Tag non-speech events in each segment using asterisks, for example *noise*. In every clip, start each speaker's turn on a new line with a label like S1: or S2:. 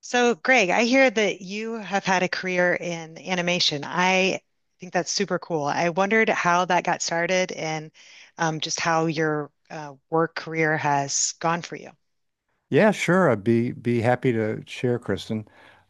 S1: So, Greg, I hear that you have had a career in animation. I think that's super cool. I wondered how that got started and just how your work career has gone for you.
S2: Yeah, sure. I'd be happy to share, Kristen.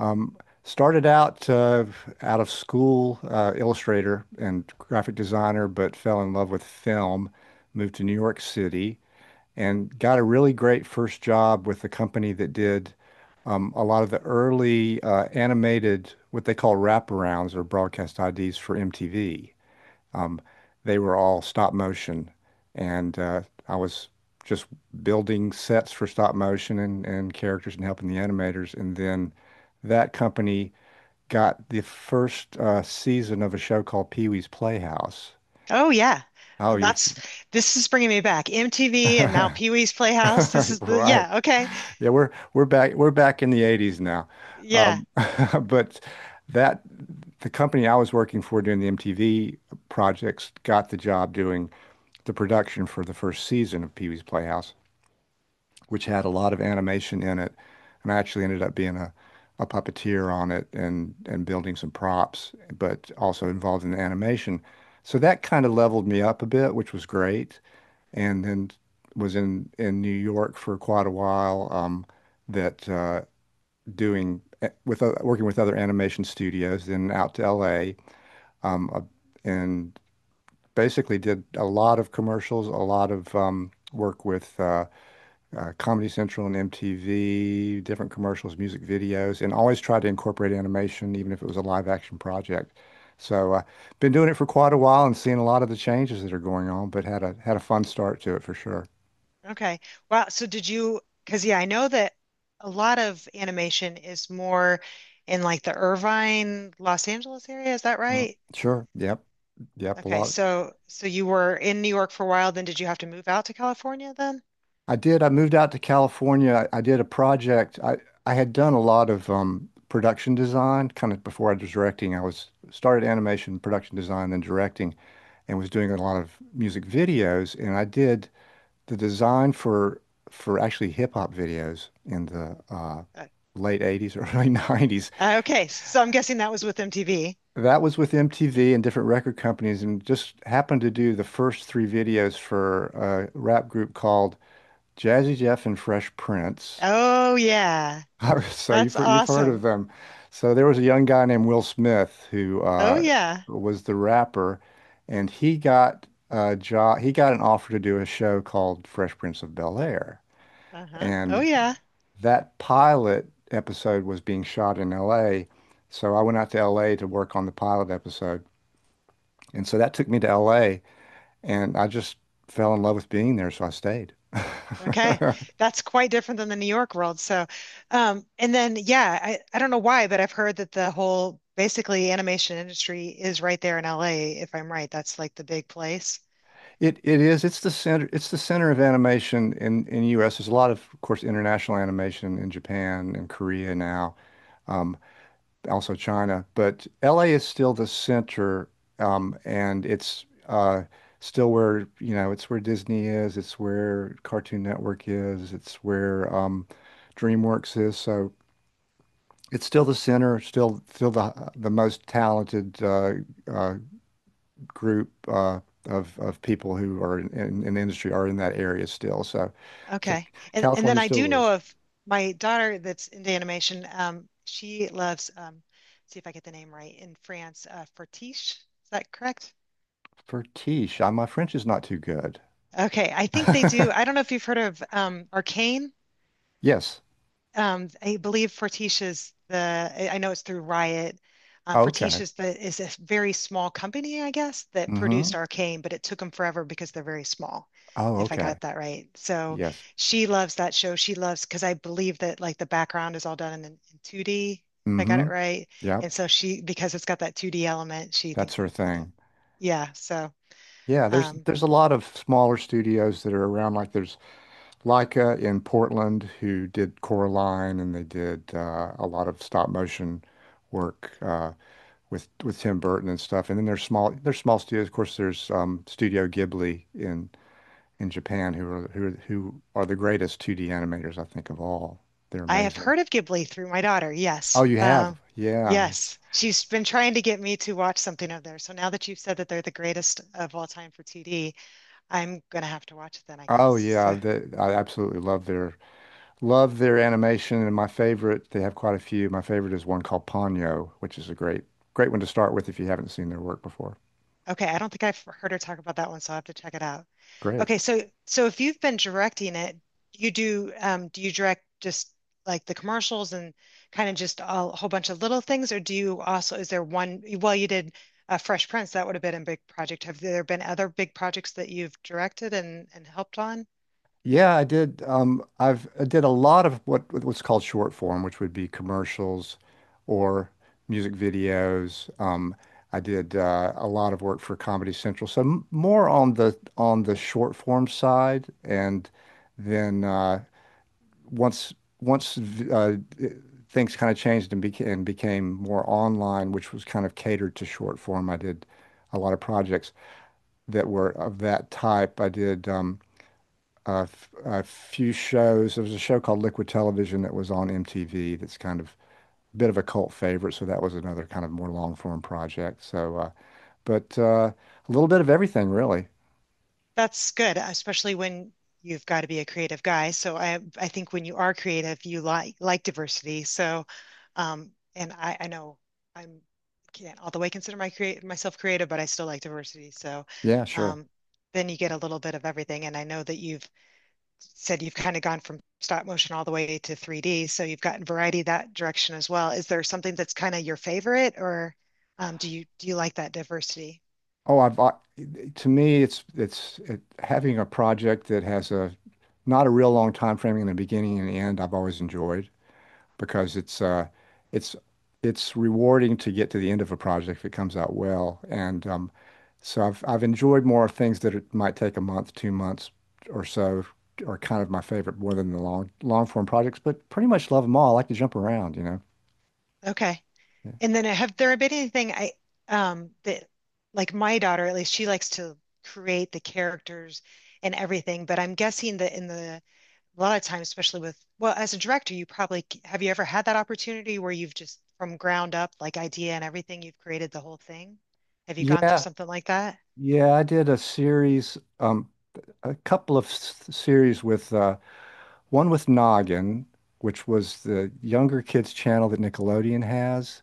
S2: Um, Started out out of school, illustrator and graphic designer, but fell in love with film. Moved to New York City and got a really great first job with a company that did a lot of the early animated, what they call wraparounds or broadcast IDs for MTV. Um, They were all stop motion, and I was just building sets for stop motion and characters and helping the animators. And then that company got the first season of a show called Pee-wee's Playhouse.
S1: Oh, yeah.
S2: Oh, you
S1: That's This is bringing me back. MTV and now
S2: *laughs*
S1: Pee-wee's Playhouse. This is the,
S2: right.
S1: yeah, okay.
S2: Yeah, we're back in the 80s now.
S1: Yeah,
S2: Um, *laughs* but that the company I was working for doing the MTV projects got the job doing the production for the first season of Pee Wee's Playhouse, which had a lot of animation in it. And I actually ended up being a puppeteer on it and building some props, but also involved in the animation. So that kind of leveled me up a bit, which was great. And then was in New York for quite a while, that doing eh, with working with other animation studios, then out to LA, um, uh, and basically did a lot of commercials, a lot of work with Comedy Central and MTV, different commercials, music videos, and always tried to incorporate animation, even if it was a live action project. So, been doing it for quite a while and seeing a lot of the changes that are going on, but had a fun start to it for sure.
S1: okay. Wow. So, did you, because yeah, I know that a lot of animation is more in like the Irvine, Los Angeles area. Is that
S2: Mm.
S1: right?
S2: Sure. Yep. Yep. A
S1: Okay,
S2: lot.
S1: so you were in New York for a while, then did you have to move out to California then?
S2: I did. I moved out to California. I did a project. I had done a lot of production design kind of before I was directing. I was started animation, production design, then directing, and was doing a lot of music videos. And I did the design for actually hip hop videos in the
S1: Uh,
S2: late 80s, *laughs* early 90s.
S1: okay, so I'm guessing that was with MTV.
S2: That was with MTV and different record companies, and just happened to do the first three videos for a rap group called Jazzy Jeff and Fresh Prince.
S1: Oh yeah,
S2: *laughs* So
S1: that's
S2: you've heard of
S1: awesome.
S2: them. So there was a young guy named Will Smith who
S1: Oh yeah.
S2: was the rapper, and he got a job. He got an offer to do a show called Fresh Prince of Bel-Air,
S1: Uh-huh. Oh
S2: and
S1: yeah.
S2: that pilot episode was being shot in L.A. So I went out to L.A. to work on the pilot episode, and so that took me to L.A. and I just fell in love with being there, so I stayed.
S1: Okay.
S2: *laughs*
S1: That's quite different than the New York world. So, and then yeah, I don't know why, but I've heard that the whole basically animation industry is right there in LA, if I'm right. That's like the big place.
S2: It is. It's the center. It's the center of animation in U.S. There's a lot of course, international animation in Japan and Korea now, um, also China. But L.A. is still the center, and it's still where you know it's where Disney is. It's where Cartoon Network is. It's where DreamWorks is. So it's still the center. Still, the most talented uh, group of people who are in the industry are in that area still. So so
S1: Okay. And then
S2: California
S1: I
S2: still
S1: do know
S2: rules.
S1: of my daughter that's into animation. She loves see if I get the name right in France, Fortiche. Is that correct?
S2: Fertiche, my French is not too good.
S1: Okay, I think they do.
S2: *laughs*
S1: I don't know if you've heard of Arcane.
S2: Yes.
S1: I believe I know it's through Riot.
S2: Okay.
S1: Fortitia's is a very small company, I guess, that produced
S2: Mm-hmm.
S1: Arcane, but it took them forever because they're very small,
S2: Oh,
S1: if I
S2: okay.
S1: got that right. So
S2: Yes.
S1: she loves that show. She loves, because I believe that like the background is all done in 2D, if I got
S2: Mm-hmm.
S1: it right.
S2: Yep.
S1: And so she, because it's got that 2D element, she
S2: That's
S1: thinks,
S2: her
S1: you know,
S2: thing.
S1: yeah. So
S2: Yeah, there's
S1: um,
S2: there's a lot of smaller studios that are around. Like there's Laika in Portland who did Coraline and they did a lot of stop motion work with Tim Burton and stuff. And then there's small studios. Of course, there's Studio Ghibli in Japan, who are the greatest 2D animators I think of all. They're
S1: I have
S2: amazing.
S1: heard of Ghibli through my daughter.
S2: Oh,
S1: Yes.
S2: you have? Yeah.
S1: Yes. She's been trying to get me to watch something of theirs. So now that you've said that they're the greatest of all time for TD, I'm going to have to watch it then, I guess.
S2: Oh yeah,
S1: So,
S2: I absolutely love their animation, and my favorite, they have quite a few. My favorite is one called Ponyo, which is a great one to start with if you haven't seen their work before.
S1: okay. I don't think I've heard her talk about that one, so I'll have to check it out.
S2: Great.
S1: Okay, so if you've been directing it, you do do you direct just like the commercials and kind of just a whole bunch of little things, or do you also is there one well you did Fresh Prince, that would have been a big project. Have there been other big projects that you've directed and helped on?
S2: Yeah, I did. I did a lot of what's called short form, which would be commercials or music videos. I did a lot of work for Comedy Central, so m more on the short form side. And then once once v- uh, things kind of changed and became more online, which was kind of catered to short form. I did a lot of projects that were of that type. I did. A few shows. There was a show called Liquid Television that was on MTV that's kind of a bit of a cult favorite. So that was another kind of more long form project. So, but a little bit of everything, really.
S1: That's good, especially when you've got to be a creative guy. So I think when you are creative, you like diversity. So and I know I'm can't all the way consider my create myself creative, but I still like diversity. So
S2: Yeah, sure.
S1: um then you get a little bit of everything. And I know that you've said you've kind of gone from stop motion all the way to 3D. So you've gotten variety that direction as well. Is there something that's kind of your favorite or do you like that diversity?
S2: Oh, to me, having a project that has a not a real long time frame in the beginning and the end. I've always enjoyed. Because it's it's it's rewarding to get to the end of a project if it comes out well. And so I've enjoyed more things that it might take a month, 2 months or so are kind of my favorite more than the long form projects, but pretty much love them all. I like to jump around, you know.
S1: Okay.
S2: Yeah.
S1: And then have there been anything I that like my daughter at least she likes to create the characters and everything, but I'm guessing that in the a lot of times, especially with well, as a director, you probably have you ever had that opportunity where you've just from ground up, like idea and everything, you've created the whole thing? Have you gone through
S2: Yeah,
S1: something like that?
S2: yeah, I did a series, a couple of series with one with Noggin, which was the younger kids channel that Nickelodeon has.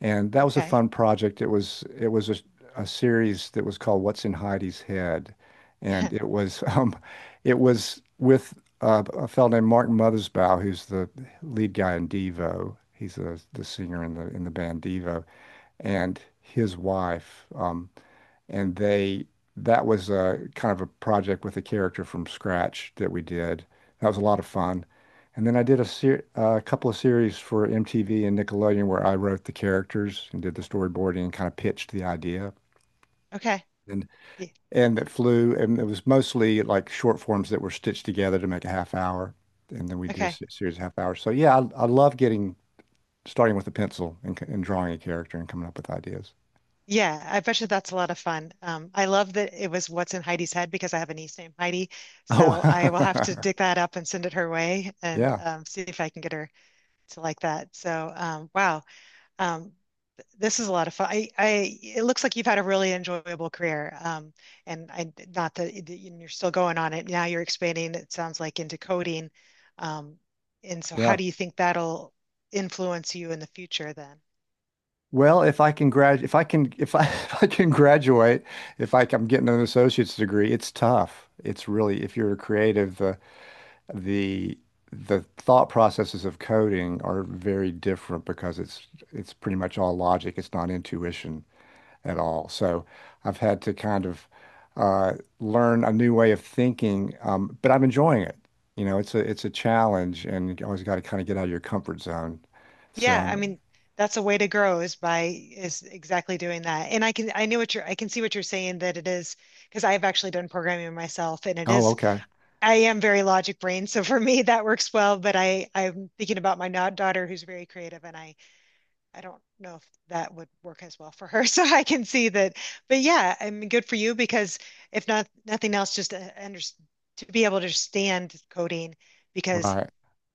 S2: And that was a
S1: Okay.
S2: fun project. It was a series that was called What's in Heidi's Head, and it
S1: *laughs*
S2: was *laughs* it was with a fellow named Martin Mothersbaugh, who's the lead guy in Devo. He's the singer in the band Devo, and his wife. And they that was a kind of a project with a character from scratch that we did. That was a lot of fun. And then I did a couple of series for MTV and Nickelodeon where I wrote the characters and did the storyboarding and kind of pitched the idea.
S1: Okay.
S2: And
S1: Ye-
S2: that flew and it was mostly like short forms that were stitched together to make a half hour. And then we did
S1: Okay.
S2: series of half hours. So yeah, I love getting starting with a pencil and, and drawing a character and coming up with ideas. *laughs*
S1: Yeah, I bet you that's a lot of fun. I love that it was what's in Heidi's head because I have a niece named Heidi.
S2: Oh,
S1: So I will have to dig that up and send it her way
S2: *laughs*
S1: and
S2: yeah,
S1: see if I can get her to like that. So wow, um, this is a lot of fun. I it looks like you've had a really enjoyable career. And I not that you're still going on it. Now you're expanding, it sounds like, into coding. Um, and so how
S2: yeah.
S1: do you think that'll influence you in the future then?
S2: Well, if I can grad, if I can, if I, *laughs* if I can graduate, if I, am getting an associate's degree, it's tough. It's really, if you're a creative, the the thought processes of coding are very different because it's pretty much all logic. It's not intuition at all. So I've had to kind of uh, learn a new way of thinking, but I'm enjoying it. You know, it's a challenge, and you always got to kind of get out of your comfort zone. So
S1: Yeah,
S2: I'm,
S1: I mean, that's a way to grow is by is exactly doing that. And I can I can see what you're saying that it is because I've actually done programming myself and it
S2: oh,
S1: is
S2: okay,
S1: I am very logic brain, so for me *laughs* that works well, but I'm thinking about my not daughter who's very creative and I don't know if that would work as well for her. *laughs* So I can see that. But yeah, I mean good for you because if not nothing else just to be able to understand coding because
S2: right.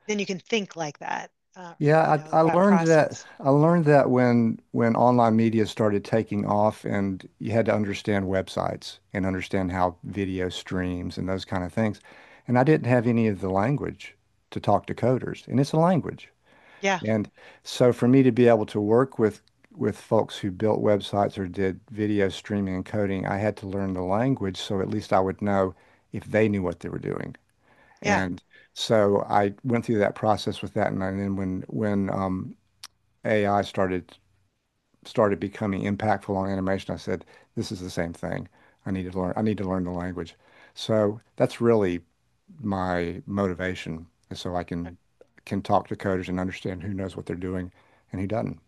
S1: then you can think like that. You
S2: Yeah,
S1: know, that process.
S2: I learned that when online media started taking off and you had to understand websites and understand how video streams and those kind of things. And I didn't have any of the language to talk to coders, and it's a language.
S1: Yeah.
S2: And so for me to be able to work with folks who built websites or did video streaming and coding, I had to learn the language so at least I would know if they knew what they were doing.
S1: Yeah.
S2: And so I went through that process with that, and then when AI started becoming impactful on animation, I said, "This is the same thing. I need to learn. I need to learn the language." So that's really my motivation, is so I
S1: Uh,
S2: can talk to coders and understand who knows what they're doing and who doesn't.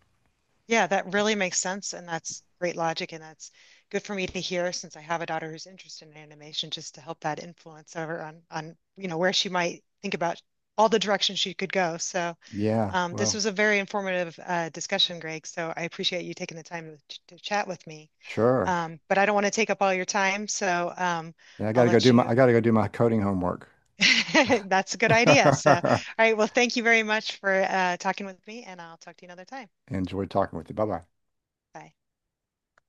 S1: yeah, that really makes sense. And that's great logic. And that's good for me to hear since I have a daughter who's interested in animation, just to help that influence over on, you know, where she might think about all the directions she could go. So
S2: Yeah,
S1: this
S2: well,
S1: was a very informative discussion, Greg. So I appreciate you taking the time to chat with me.
S2: sure.
S1: But I don't want to take up all your time. So
S2: Yeah,
S1: I'll let you.
S2: I got to go do my coding homework.
S1: *laughs* That's a good idea. So, all
S2: *laughs*
S1: right. Well, thank you very much for talking with me, and I'll talk to you another time.
S2: Enjoyed talking with you. Bye bye.
S1: Bye.